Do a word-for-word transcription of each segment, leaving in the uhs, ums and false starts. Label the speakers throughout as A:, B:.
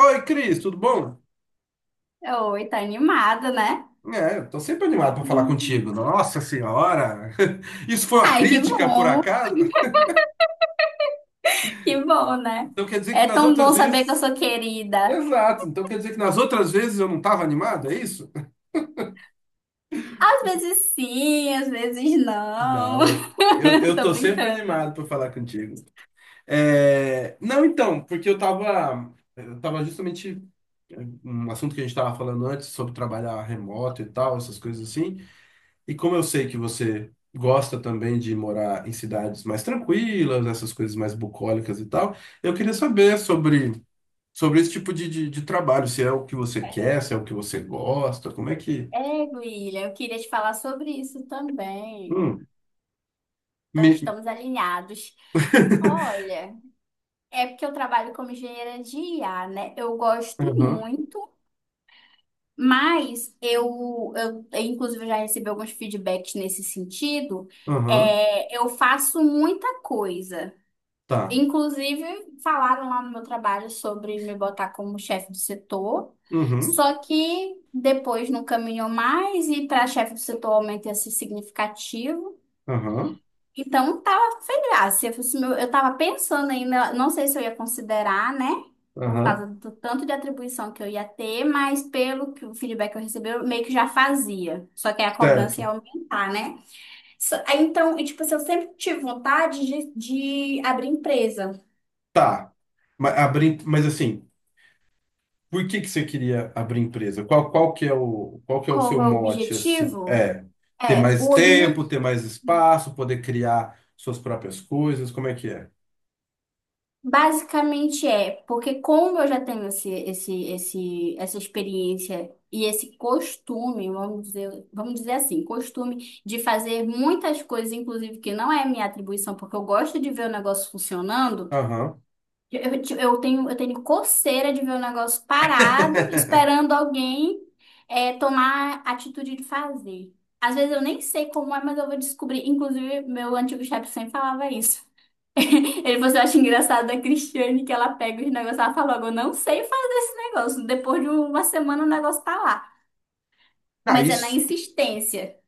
A: Oi, Cris, tudo bom?
B: Oi, tá animada, né?
A: É, eu tô sempre animado para falar contigo.
B: Uhum.
A: Nossa Senhora! Isso foi uma
B: Ai, que
A: crítica, por
B: bom,
A: acaso?
B: que bom, né?
A: Então quer dizer que
B: É
A: nas
B: tão
A: outras
B: bom saber que eu
A: vezes.
B: sou querida.
A: Exato, então quer dizer que nas outras vezes eu não estava animado, é isso?
B: Às vezes sim, às vezes não.
A: Não, eu, eu, eu
B: Tô
A: tô sempre
B: brincando.
A: animado para falar contigo. É, Não, então, porque eu tava. Eu tava justamente. é, Um assunto que a gente estava falando antes sobre trabalhar remoto e tal, essas coisas assim. E como eu sei que você gosta também de morar em cidades mais tranquilas, essas coisas mais bucólicas e tal, eu queria saber sobre, sobre esse tipo de, de, de trabalho, se é o que você quer, se
B: É,
A: é o que você gosta, como é que.
B: é, Guilherme, eu queria te falar sobre isso também.
A: Hum,
B: Então,
A: me...
B: estamos alinhados. Olha, é porque eu trabalho como engenheira de I A, né? Eu gosto
A: Aham,
B: muito. Mas eu, eu, eu, inclusive, eu já recebi alguns feedbacks nesse sentido.
A: aham,
B: É, eu faço muita coisa.
A: tá.
B: Inclusive, falaram lá no meu trabalho sobre me botar como chefe do setor.
A: Uhum,
B: Só que depois não caminhou mais e para chefe do setor o aumento ia ser significativo.
A: aham,
B: Então, tava sem graça. Eu, fosse meu- eu tava pensando ainda, não sei se eu ia considerar, né? Por
A: aham,
B: causa do tanto de atribuição que eu ia ter, mas pelo que o feedback que eu recebi, eu meio que já fazia. Só que aí a cobrança ia
A: certo.
B: aumentar, né? So- aí, então, e, tipo assim, eu sempre tive vontade de, de abrir empresa.
A: Tá. Mas, abri... Mas assim. Por que que você queria abrir empresa? Qual, qual que é o, qual que é o
B: Qual
A: seu
B: é o
A: mote, assim?
B: objetivo?
A: É ter
B: É,
A: mais
B: o
A: tempo,
B: objetivo.
A: ter mais espaço, poder criar suas próprias coisas, como é que é?
B: Basicamente é, porque como eu já tenho esse, esse, esse, essa experiência e esse costume, vamos dizer, vamos dizer assim, costume de fazer muitas coisas, inclusive que não é minha atribuição, porque eu gosto de ver o negócio funcionando,
A: Aham.
B: eu, eu ti- eu tenho, eu tenho coceira de ver o negócio parado, esperando alguém é, tomar a atitude de fazer. Às vezes eu nem sei como é, mas eu vou descobrir. Inclusive, meu antigo chefe sempre falava isso. Ele falou assim, eu acho engraçado da Cristiane que ela pega os negócios, ela fala logo, eu não sei fazer esse negócio. Depois de uma semana o negócio tá lá.
A: Ah,
B: Mas é na
A: isso,
B: insistência.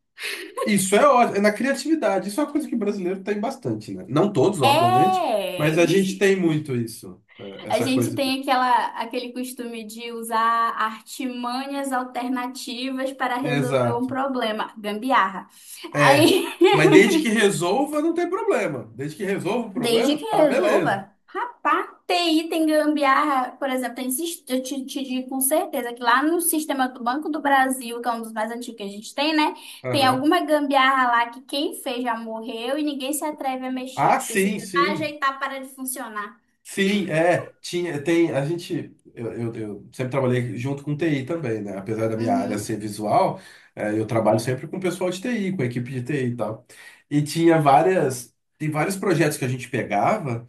A: isso é ótimo, é na criatividade. Isso é uma coisa que o brasileiro tem bastante, né? Não todos, obviamente, mas a gente
B: É!
A: tem muito isso, é,
B: A
A: essa
B: gente
A: coisa de...
B: tem aquela, aquele costume de usar artimanhas alternativas para resolver um
A: Exato.
B: problema. Gambiarra.
A: É,
B: Aí,
A: mas desde que resolva, não tem problema. Desde que resolva o
B: desde
A: problema,
B: que
A: tá beleza.
B: resolva. Rapaz, T I tem gambiarra, por exemplo, tem, sis- eu te, te digo com certeza que lá no sistema do Banco do Brasil, que é um dos mais antigos que a gente tem, né? Tem
A: Aham.
B: alguma gambiarra lá que quem fez já morreu e ninguém se atreve a mexer.
A: Ah,
B: Porque se
A: sim,
B: tentar
A: sim.
B: ajeitar, para de funcionar.
A: Sim, é, tinha, tem, a gente, eu, eu, eu sempre trabalhei junto com T I também, né? Apesar da minha área ser
B: Uhum.
A: visual, é, eu trabalho sempre com o pessoal de T I, com a equipe de T I e tal. E tinha várias, tem vários projetos que a gente pegava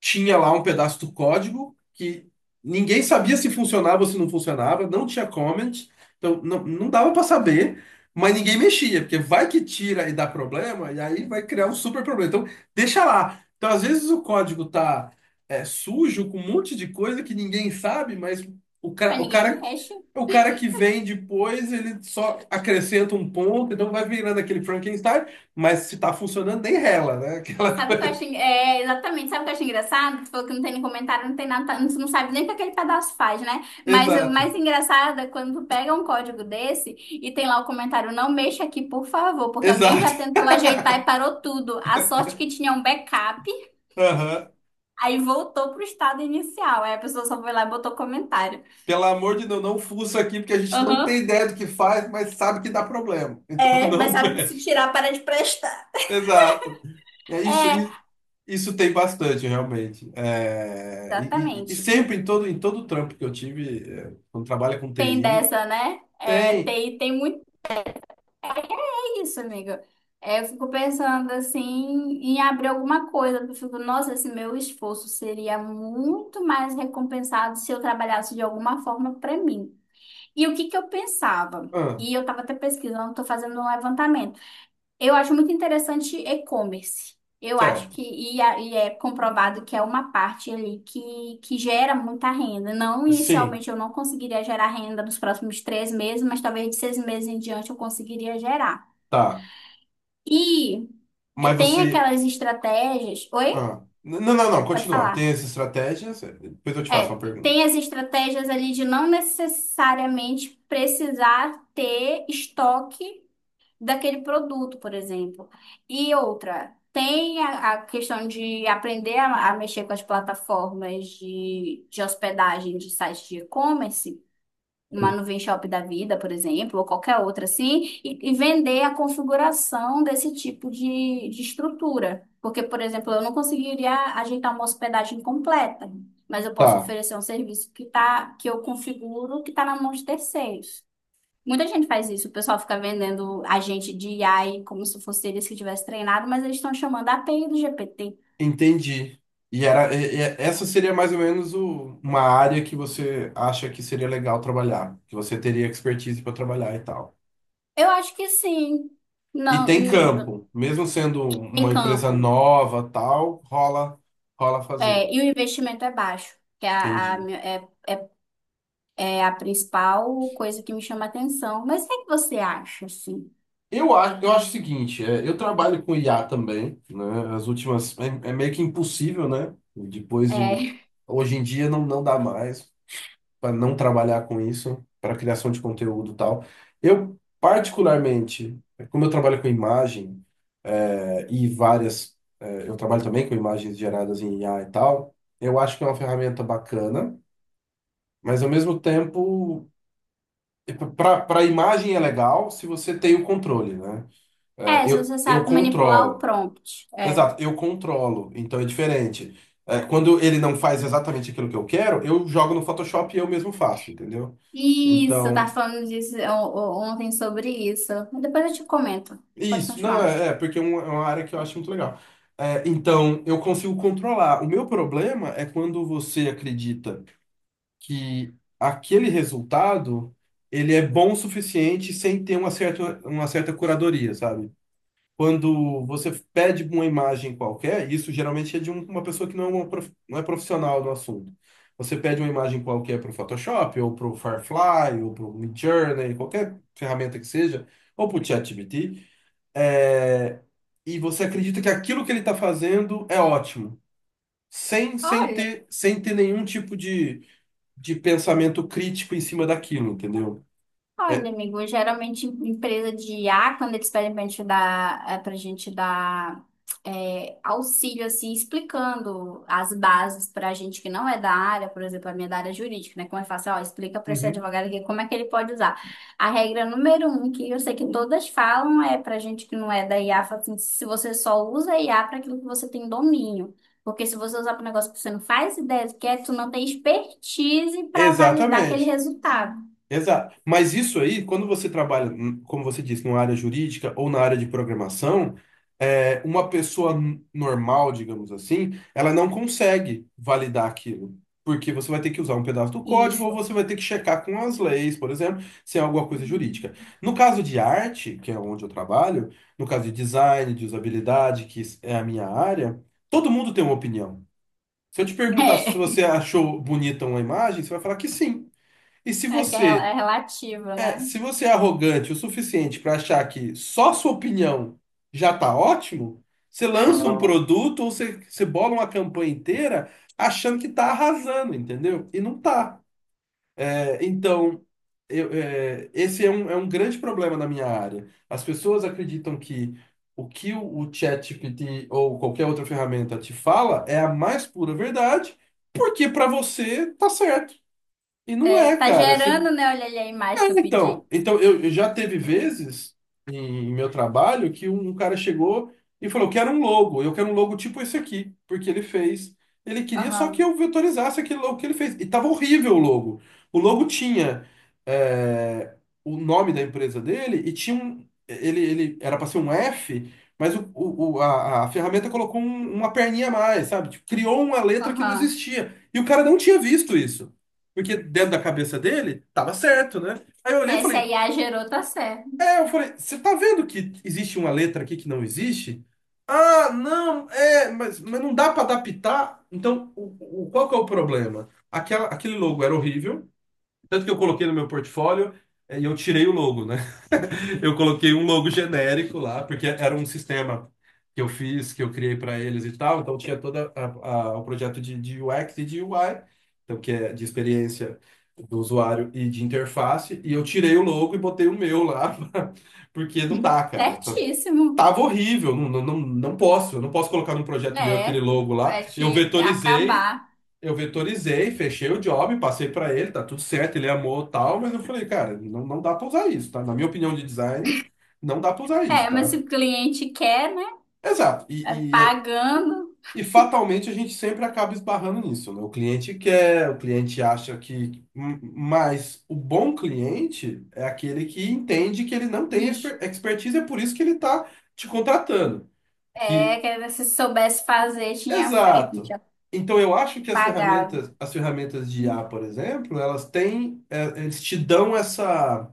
A: tinha lá um pedaço do código que ninguém sabia se funcionava ou se não funcionava, não tinha comment, então não, não dava para saber, mas ninguém mexia, porque vai que tira e dá problema, e aí vai criar um super problema. Então, deixa lá. Então, às vezes o código tá é, sujo com um monte de coisa que ninguém sabe, mas o,
B: Mas
A: ca- o
B: ninguém
A: cara.
B: mexe.
A: O cara que vem depois, ele só acrescenta um ponto, então vai virando aquele Frankenstein, mas se tá funcionando, nem rela, né? Aquela
B: Sabe o que eu
A: coisa.
B: acho? en- É, exatamente. Sabe o que eu acho engraçado? Que tu falou que não tem nem comentário, não tem nada, tu não sabe nem o que aquele pedaço faz, né? Mas o
A: Exato,
B: mais engraçado é quando tu pega um código desse e tem lá o comentário: não mexa aqui, por favor, porque alguém
A: exato.
B: já tentou ajeitar e parou tudo. A sorte que tinha um backup,
A: Aham.
B: aí voltou pro estado inicial. Aí a pessoa só foi lá e botou comentário.
A: Pelo amor de Deus, não fuça aqui, porque a gente não
B: Aham.
A: tem ideia do que faz, mas sabe que dá problema. Então
B: É, mas
A: não
B: sabe que se
A: mexe.
B: tirar, para de prestar.
A: Exato. É isso,
B: É,
A: i- isso tem bastante, realmente. É, e, e- e
B: exatamente.
A: sempre,
B: E
A: em todo, em todo trampo que eu tive, é, quando trabalha com
B: tem
A: T I,
B: dessa, né? É,
A: tem.
B: tem, tem muito. é, Isso, amiga. É, eu fico pensando assim em abrir alguma coisa. Eu fico, nossa, esse meu esforço seria muito mais recompensado se eu trabalhasse de alguma forma para mim. E o que que eu pensava?
A: Ah,
B: E eu estava até pesquisando, estou fazendo um levantamento. Eu acho muito interessante e-commerce. Eu acho
A: certo.
B: que e, a- e é comprovado que é uma parte ali que, que gera muita renda. Não
A: Sim,
B: inicialmente eu não conseguiria gerar renda nos próximos três meses, mas talvez de seis meses em diante eu conseguiria gerar.
A: tá.
B: E e
A: Mas
B: tem
A: você.
B: aquelas estratégias. Oi?
A: Ah, n- não, não, não,
B: Pode
A: continua. Tem
B: falar.
A: essas estratégias? Depois eu te faço uma
B: É,
A: pergunta.
B: tem as estratégias ali de não necessariamente precisar ter estoque daquele produto, por exemplo. E outra, tem a, a questão de aprender a, a mexer com as plataformas de, de hospedagem de sites de e-commerce. Uma nuvem shop da vida, por exemplo, ou qualquer outra assim, e, e vender a configuração desse tipo de, de estrutura. Porque, por exemplo, eu não conseguiria ajeitar uma hospedagem completa, mas eu posso
A: Tá.
B: oferecer um serviço que tá, que eu configuro, que está na mão de terceiros. Muita gente faz isso, o pessoal fica vendendo agente de A I como se fosse eles que tivessem treinado, mas eles estão chamando a API do G P T.
A: Entendi. E era, e- e- essa seria mais ou menos o- uma área que você acha que seria legal trabalhar, que você teria expertise para trabalhar e tal.
B: Eu acho que sim.
A: E
B: Não,
A: tem
B: hum,
A: campo, mesmo sendo
B: tem
A: uma empresa
B: campo.
A: nova, tal, rola, rola, fazer.
B: É, e o investimento é baixo, que é a, a
A: Entendi.
B: minha- é, é, é a principal coisa que me chama a atenção. Mas o que é que você acha, assim?
A: Eu acho, eu acho o seguinte, é, eu trabalho com I A também, né? As últimas é, é meio que impossível, né? Depois de
B: É,
A: hoje em dia não, não dá mais. Para não trabalhar com isso, para criação de conteúdo e tal. Eu, particularmente, como eu trabalho com imagem eh, e várias, eh, eu trabalho também com imagens geradas em I A e tal, eu acho que é uma ferramenta bacana, mas ao mesmo tempo, para para imagem é legal se você tem o controle, né? Eh,
B: é, se
A: eu,
B: você
A: eu
B: sabe manipular o
A: controlo.
B: prompt. É.
A: Exato, eu controlo, então é diferente. Eh, quando ele não faz exatamente aquilo que eu quero, eu jogo no Photoshop e eu mesmo faço, entendeu?
B: Isso, eu tava
A: Então,
B: falando disso o- o- ontem sobre isso. Depois eu te comento. Pode
A: isso, não,
B: continuar.
A: é, é, porque é um- é uma área que eu acho muito legal. É, então, eu consigo controlar. O meu problema é quando você acredita que aquele resultado ele é bom o suficiente sem ter uma certa, uma certa curadoria, sabe? Quando você pede uma imagem qualquer, isso geralmente é de um- uma pessoa que não é, uma prof- não é profissional do assunto. Você pede uma imagem qualquer para o Photoshop, ou para o Firefly, ou para o Midjourney, qualquer ferramenta que seja, ou para o ChatGPT. É, e você acredita que aquilo que ele está fazendo é ótimo, sem, sem
B: Olha.
A: ter, sem ter nenhum tipo de, de pensamento crítico em cima daquilo, entendeu?
B: Olha, amigo, geralmente em- empresa de I A, quando eles pedem pra gente dar, é, pra gente dar é, auxílio, assim, explicando as bases pra gente que não é da área, por exemplo, a minha é da área jurídica, né? Como é fácil, ó, explica pra esse
A: Uhum.
B: advogado aqui como é que ele pode usar. A regra número um, que eu sei que todas falam, é pra gente que não é da I A, fala assim, se você só usa I a I A para aquilo que você tem domínio. Porque se você usar para um negócio que você não faz ideia do que é, tu não tem expertise para validar aquele
A: Exatamente.
B: resultado.
A: Exato. Mas isso aí, quando você trabalha, hum, como você disse, numa área jurídica ou na área de programação, é, uma pessoa n- normal, digamos assim, ela não consegue validar aquilo. Porque você vai ter que usar um pedaço do código ou
B: Isso.
A: você vai ter que checar com as leis, por exemplo, se é alguma coisa jurídica. No caso de arte, que é onde eu trabalho, no caso de design, de usabilidade, que é a minha área, todo mundo tem uma opinião. Se eu te perguntar se
B: É,
A: você achou bonita uma imagem, você vai falar que sim. E se
B: é que é rel- é
A: você
B: relativo,
A: é,
B: né?
A: se você é arrogante o suficiente para achar que só sua opinião já está ótimo, você lança um produto ou você, você bola uma campanha inteira achando que está arrasando, entendeu? E não tá. É, então, eu- é, esse é um, é um grande problema na minha área. As pessoas acreditam que o que o, o ChatGPT ou qualquer outra ferramenta te fala é a mais pura verdade, porque para você tá certo. E não
B: É,
A: é,
B: tá
A: cara.
B: gerando, né? Olha ali a imagem
A: É,
B: que eu
A: então,
B: pedi.
A: então eu, eu já teve vezes em meu trabalho que um, um cara chegou e falou: "Eu quero um logo, eu quero um logo tipo esse aqui, porque ele fez. Ele queria só que
B: Aham,
A: eu vetorizasse aquele logo que ele fez. E tava horrível o logo. O logo tinha é, o nome da empresa dele e tinha um. Ele, ele era para ser um F, mas o, o- o- a, a ferramenta colocou um- uma perninha a mais, sabe? Tipo, criou uma letra que não
B: aham.
A: existia. E o cara não tinha visto isso. Porque dentro da cabeça dele, tava certo, né? Aí eu olhei e
B: É, se a
A: falei,
B: I A gerou, tá certo.
A: é, eu falei, você tá vendo que existe uma letra aqui que não existe? Ah, não, é, mas, mas não dá pra adaptar. Então, o, o- qual que é o problema? Aquela, aquele logo era horrível, tanto que eu coloquei no meu portfólio é, e eu tirei o logo, né? Eu coloquei um logo genérico lá, porque era um sistema que eu fiz, que eu criei para eles e tal. Então tinha todo o projeto de, de, U X e de U I, então que é de experiência do usuário e de interface. E eu tirei o logo e botei o meu lá, porque não dá, cara. Tá-
B: Certíssimo.
A: Tava horrível, não, não, não não posso, eu não posso colocar num projeto meu aquele
B: É,
A: logo lá.
B: vai
A: Eu
B: te
A: vetorizei
B: acabar.
A: eu vetorizei, fechei o job, passei pra ele, tá tudo certo, ele amou tal, mas eu falei, cara, não, não dá pra usar isso, tá? Na minha opinião de design, não dá pra usar isso,
B: É, mas se
A: tá?
B: o cliente quer, né?
A: Exato.
B: é
A: E, e, é-
B: Pagando.
A: e fatalmente a gente sempre acaba esbarrando nisso, né? O cliente quer, o cliente acha que. m- Mas o bom cliente é aquele que entende que ele não tem
B: Ixi,
A: exper- expertise, é por isso que ele tá te contratando. Que
B: é, que se soubesse fazer, tinha feito,
A: exato.
B: tinha
A: Então eu acho que as
B: pagado.
A: ferramentas, as ferramentas de I A por exemplo, elas têm, é, eles te dão essa,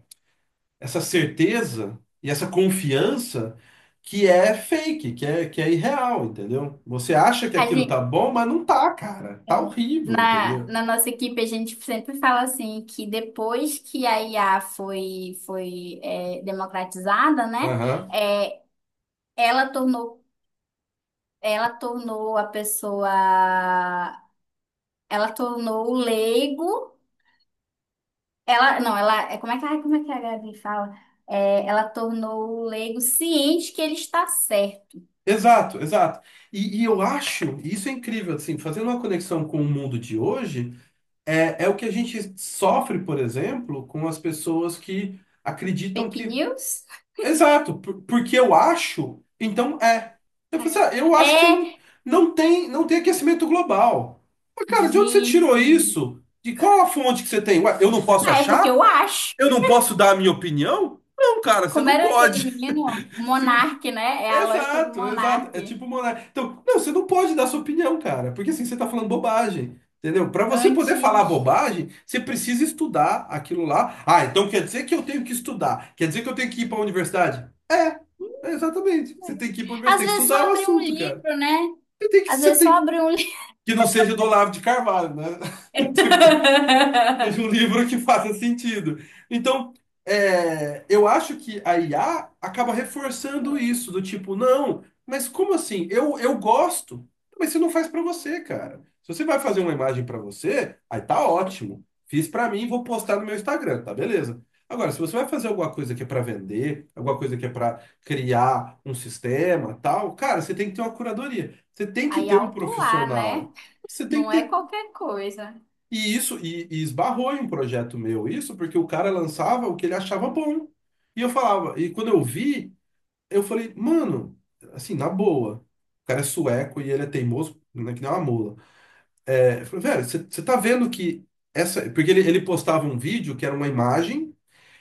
A: essa certeza e essa confiança que é fake, que é, que é irreal, entendeu? Você acha que aquilo tá bom, mas não tá, cara. Tá horrível,
B: Na,
A: entendeu?
B: na nossa equipe, a gente sempre fala assim que depois que a I A foi, foi é, democratizada, né?
A: Aham.
B: É, ela tornou, ela tornou a pessoa, ela tornou o leigo, ela, não, ela, é, como é que, ai, como é que a Gabi fala? É, ela tornou o leigo ciente que ele está certo.
A: Exato, exato. E, e eu acho, e isso é incrível, assim, fazendo uma conexão com o mundo de hoje, é, é o que a gente sofre, por exemplo, com as pessoas que acreditam
B: Fake
A: que
B: news?
A: exato, por- porque eu acho, então é. Eu falei assim, ah, eu acho que
B: É,
A: não,
B: É,
A: não tem, não tem aquecimento global. Mas, cara, de onde você tirou
B: gente.
A: isso? De qual a fonte que você tem? Ué, eu não posso
B: Ah, é porque
A: achar?
B: eu acho.
A: Eu não posso dar a minha opinião? Não, cara, você
B: Como
A: não
B: era aquele
A: pode.
B: menino?
A: Se-
B: Monarque, né? É a lógica do
A: Exato, exato. É
B: monarque.
A: tipo monar. Então, não, você não pode dar sua opinião, cara, porque assim você tá falando bobagem, entendeu? Para você poder falar
B: Antes.
A: bobagem, você precisa estudar aquilo lá. Ah, então quer dizer que eu tenho que estudar? Quer dizer que eu tenho que ir para a universidade? É, é exatamente. Você tem que ir para a universidade,
B: Às
A: tem que
B: vezes só
A: estudar o
B: abrir um
A: assunto, cara.
B: livro, né?
A: Você tem que,
B: Às
A: você
B: vezes só
A: tem que,
B: abrir um livro.
A: que não seja do Olavo de Carvalho, né? Tipo, seja um livro que faça sentido. Então, é, eu acho que a I A acaba reforçando isso, do tipo, não, mas como assim? Eu, eu gosto, mas você não faz pra você, cara. Se você vai fazer uma imagem pra você, aí tá ótimo. Fiz pra mim, vou postar no meu Instagram, tá beleza. Agora, se você vai fazer alguma coisa que é pra vender, alguma coisa que é pra criar um sistema, tal, cara, você tem que ter uma curadoria. Você tem que
B: Aí
A: ter um
B: alto lá, né?
A: profissional. Você tem que
B: Não é
A: ter
B: qualquer coisa.
A: e isso, e, e esbarrou em um projeto meu, isso porque o cara lançava o que ele achava bom. E eu falava, e quando eu vi, eu falei, mano, assim, na boa, o cara é sueco e ele é teimoso, né, que nem uma mula. É, eu falei, velho, você tá vendo que essa. Porque ele, ele postava um vídeo que era uma imagem.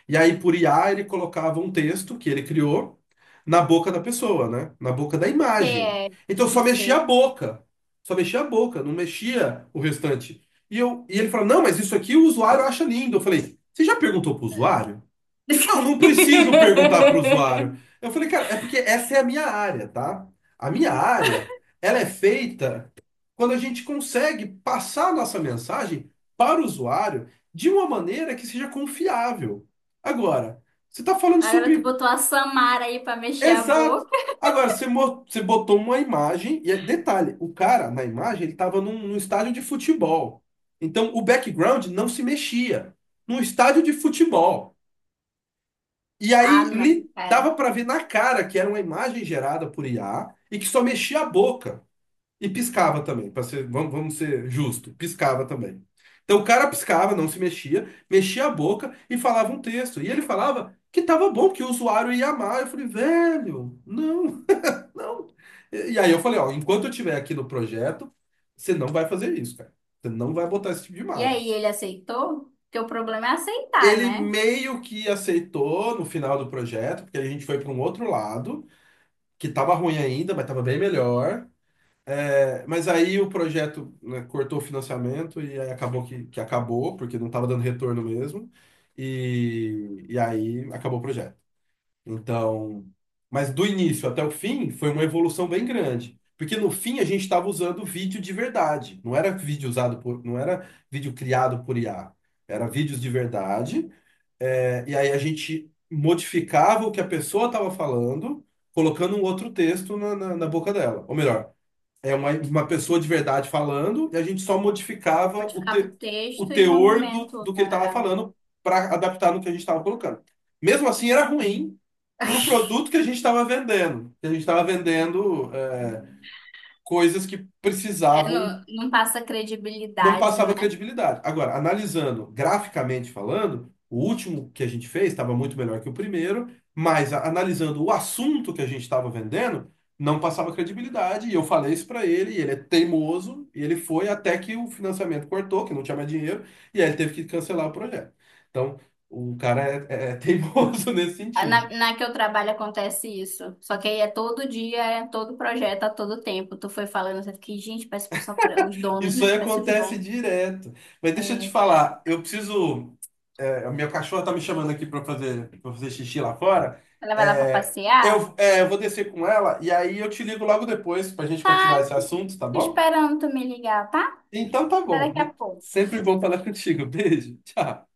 A: E aí, por I A, ele colocava um texto que ele criou na boca da pessoa, né? Na boca da
B: Você
A: imagem.
B: é
A: Então, só
B: tipo
A: mexia a
B: feio.
A: boca. Só mexia a boca, não mexia o restante. E, eu, e ele falou: não, mas isso aqui o usuário acha lindo. Eu falei: você já perguntou pro usuário? Não, não preciso perguntar para o usuário. Eu falei, cara, é porque essa é a minha área, tá? A minha área, ela é feita quando a gente consegue passar a nossa mensagem para o usuário de uma maneira que seja confiável. Agora, você está falando
B: Agora tu
A: sobre...
B: botou a Samara aí pra mexer a
A: Exato.
B: boca.
A: Agora, você, mo- você botou uma imagem, e é- detalhe, o cara na imagem, ele estava num, num estádio de futebol. Então, o background não se mexia. Num estádio de futebol. E
B: Ah,
A: aí
B: não,
A: li- dava
B: cara.
A: para ver na cara que era uma imagem gerada por I A e que só mexia a boca e piscava também, para ser, vamos, vamos ser justo, piscava também. Então o cara piscava, não se mexia, mexia a boca e falava um texto. E ele falava que tava bom, que o usuário ia amar. Eu falei, velho, não, não. E e aí eu falei, ó, enquanto eu estiver aqui no projeto, você não vai fazer isso, cara. Você não vai botar esse tipo de
B: E
A: imagem.
B: aí, ele aceitou? Porque o problema é aceitar,
A: Ele
B: né?
A: meio que aceitou no final do projeto, porque a gente foi para um outro lado. Que estava ruim ainda, mas estava bem melhor. É, mas aí o projeto, né, cortou o financiamento e aí acabou que, que acabou, porque não estava dando retorno mesmo. E, e aí acabou o projeto. Então, mas do início até o fim foi uma evolução bem grande. Porque no fim a gente estava usando vídeo de verdade. Não era vídeo usado por, não era vídeo criado por I A. Era vídeos de verdade, é, e aí a gente modificava o que a pessoa estava falando, colocando um outro texto na, na, na boca dela. Ou melhor, é uma, uma pessoa de verdade falando, e a gente só modificava o,
B: Modificava o
A: te, o
B: texto e o
A: teor do,
B: movimento.
A: do que
B: Tá?
A: ele estava
B: Ah,
A: falando para adaptar no que a gente estava colocando. Mesmo assim, era
B: entendi.
A: ruim para o produto que a gente estava vendendo. Que a gente estava vendendo, é, coisas que
B: É,
A: precisavam
B: não, não passa
A: não
B: credibilidade,
A: passava
B: né?
A: credibilidade. Agora, analisando graficamente falando, o último que a gente fez estava muito melhor que o primeiro, mas a- analisando o assunto que a gente estava vendendo, não passava credibilidade. E eu falei isso para ele, e ele é teimoso, e ele foi até que o financiamento cortou, que não tinha mais dinheiro, e aí ele teve que cancelar o projeto. Então, o cara é, é é teimoso nesse
B: Ah,
A: sentido.
B: Na, na que eu trabalho acontece isso. Só que aí é todo dia, é todo projeto, a todo tempo. Tu foi falando, eu fiquei, gente, parece que só pra- os donos,
A: Isso aí
B: né? Parece os
A: acontece
B: donos.
A: direto. Mas deixa eu te
B: É,
A: falar, eu preciso. É, a minha cachorra tá me chamando aqui para fazer, para fazer xixi lá fora.
B: ela vai lá pra
A: É,
B: passear?
A: eu, é, eu vou descer com ela e aí eu te ligo logo depois pra gente continuar esse assunto, tá
B: Tô
A: bom?
B: esperando tu me ligar, tá?
A: Então tá
B: Até
A: bom.
B: daqui a pouco.
A: Sempre bom falar contigo. Beijo. Tchau.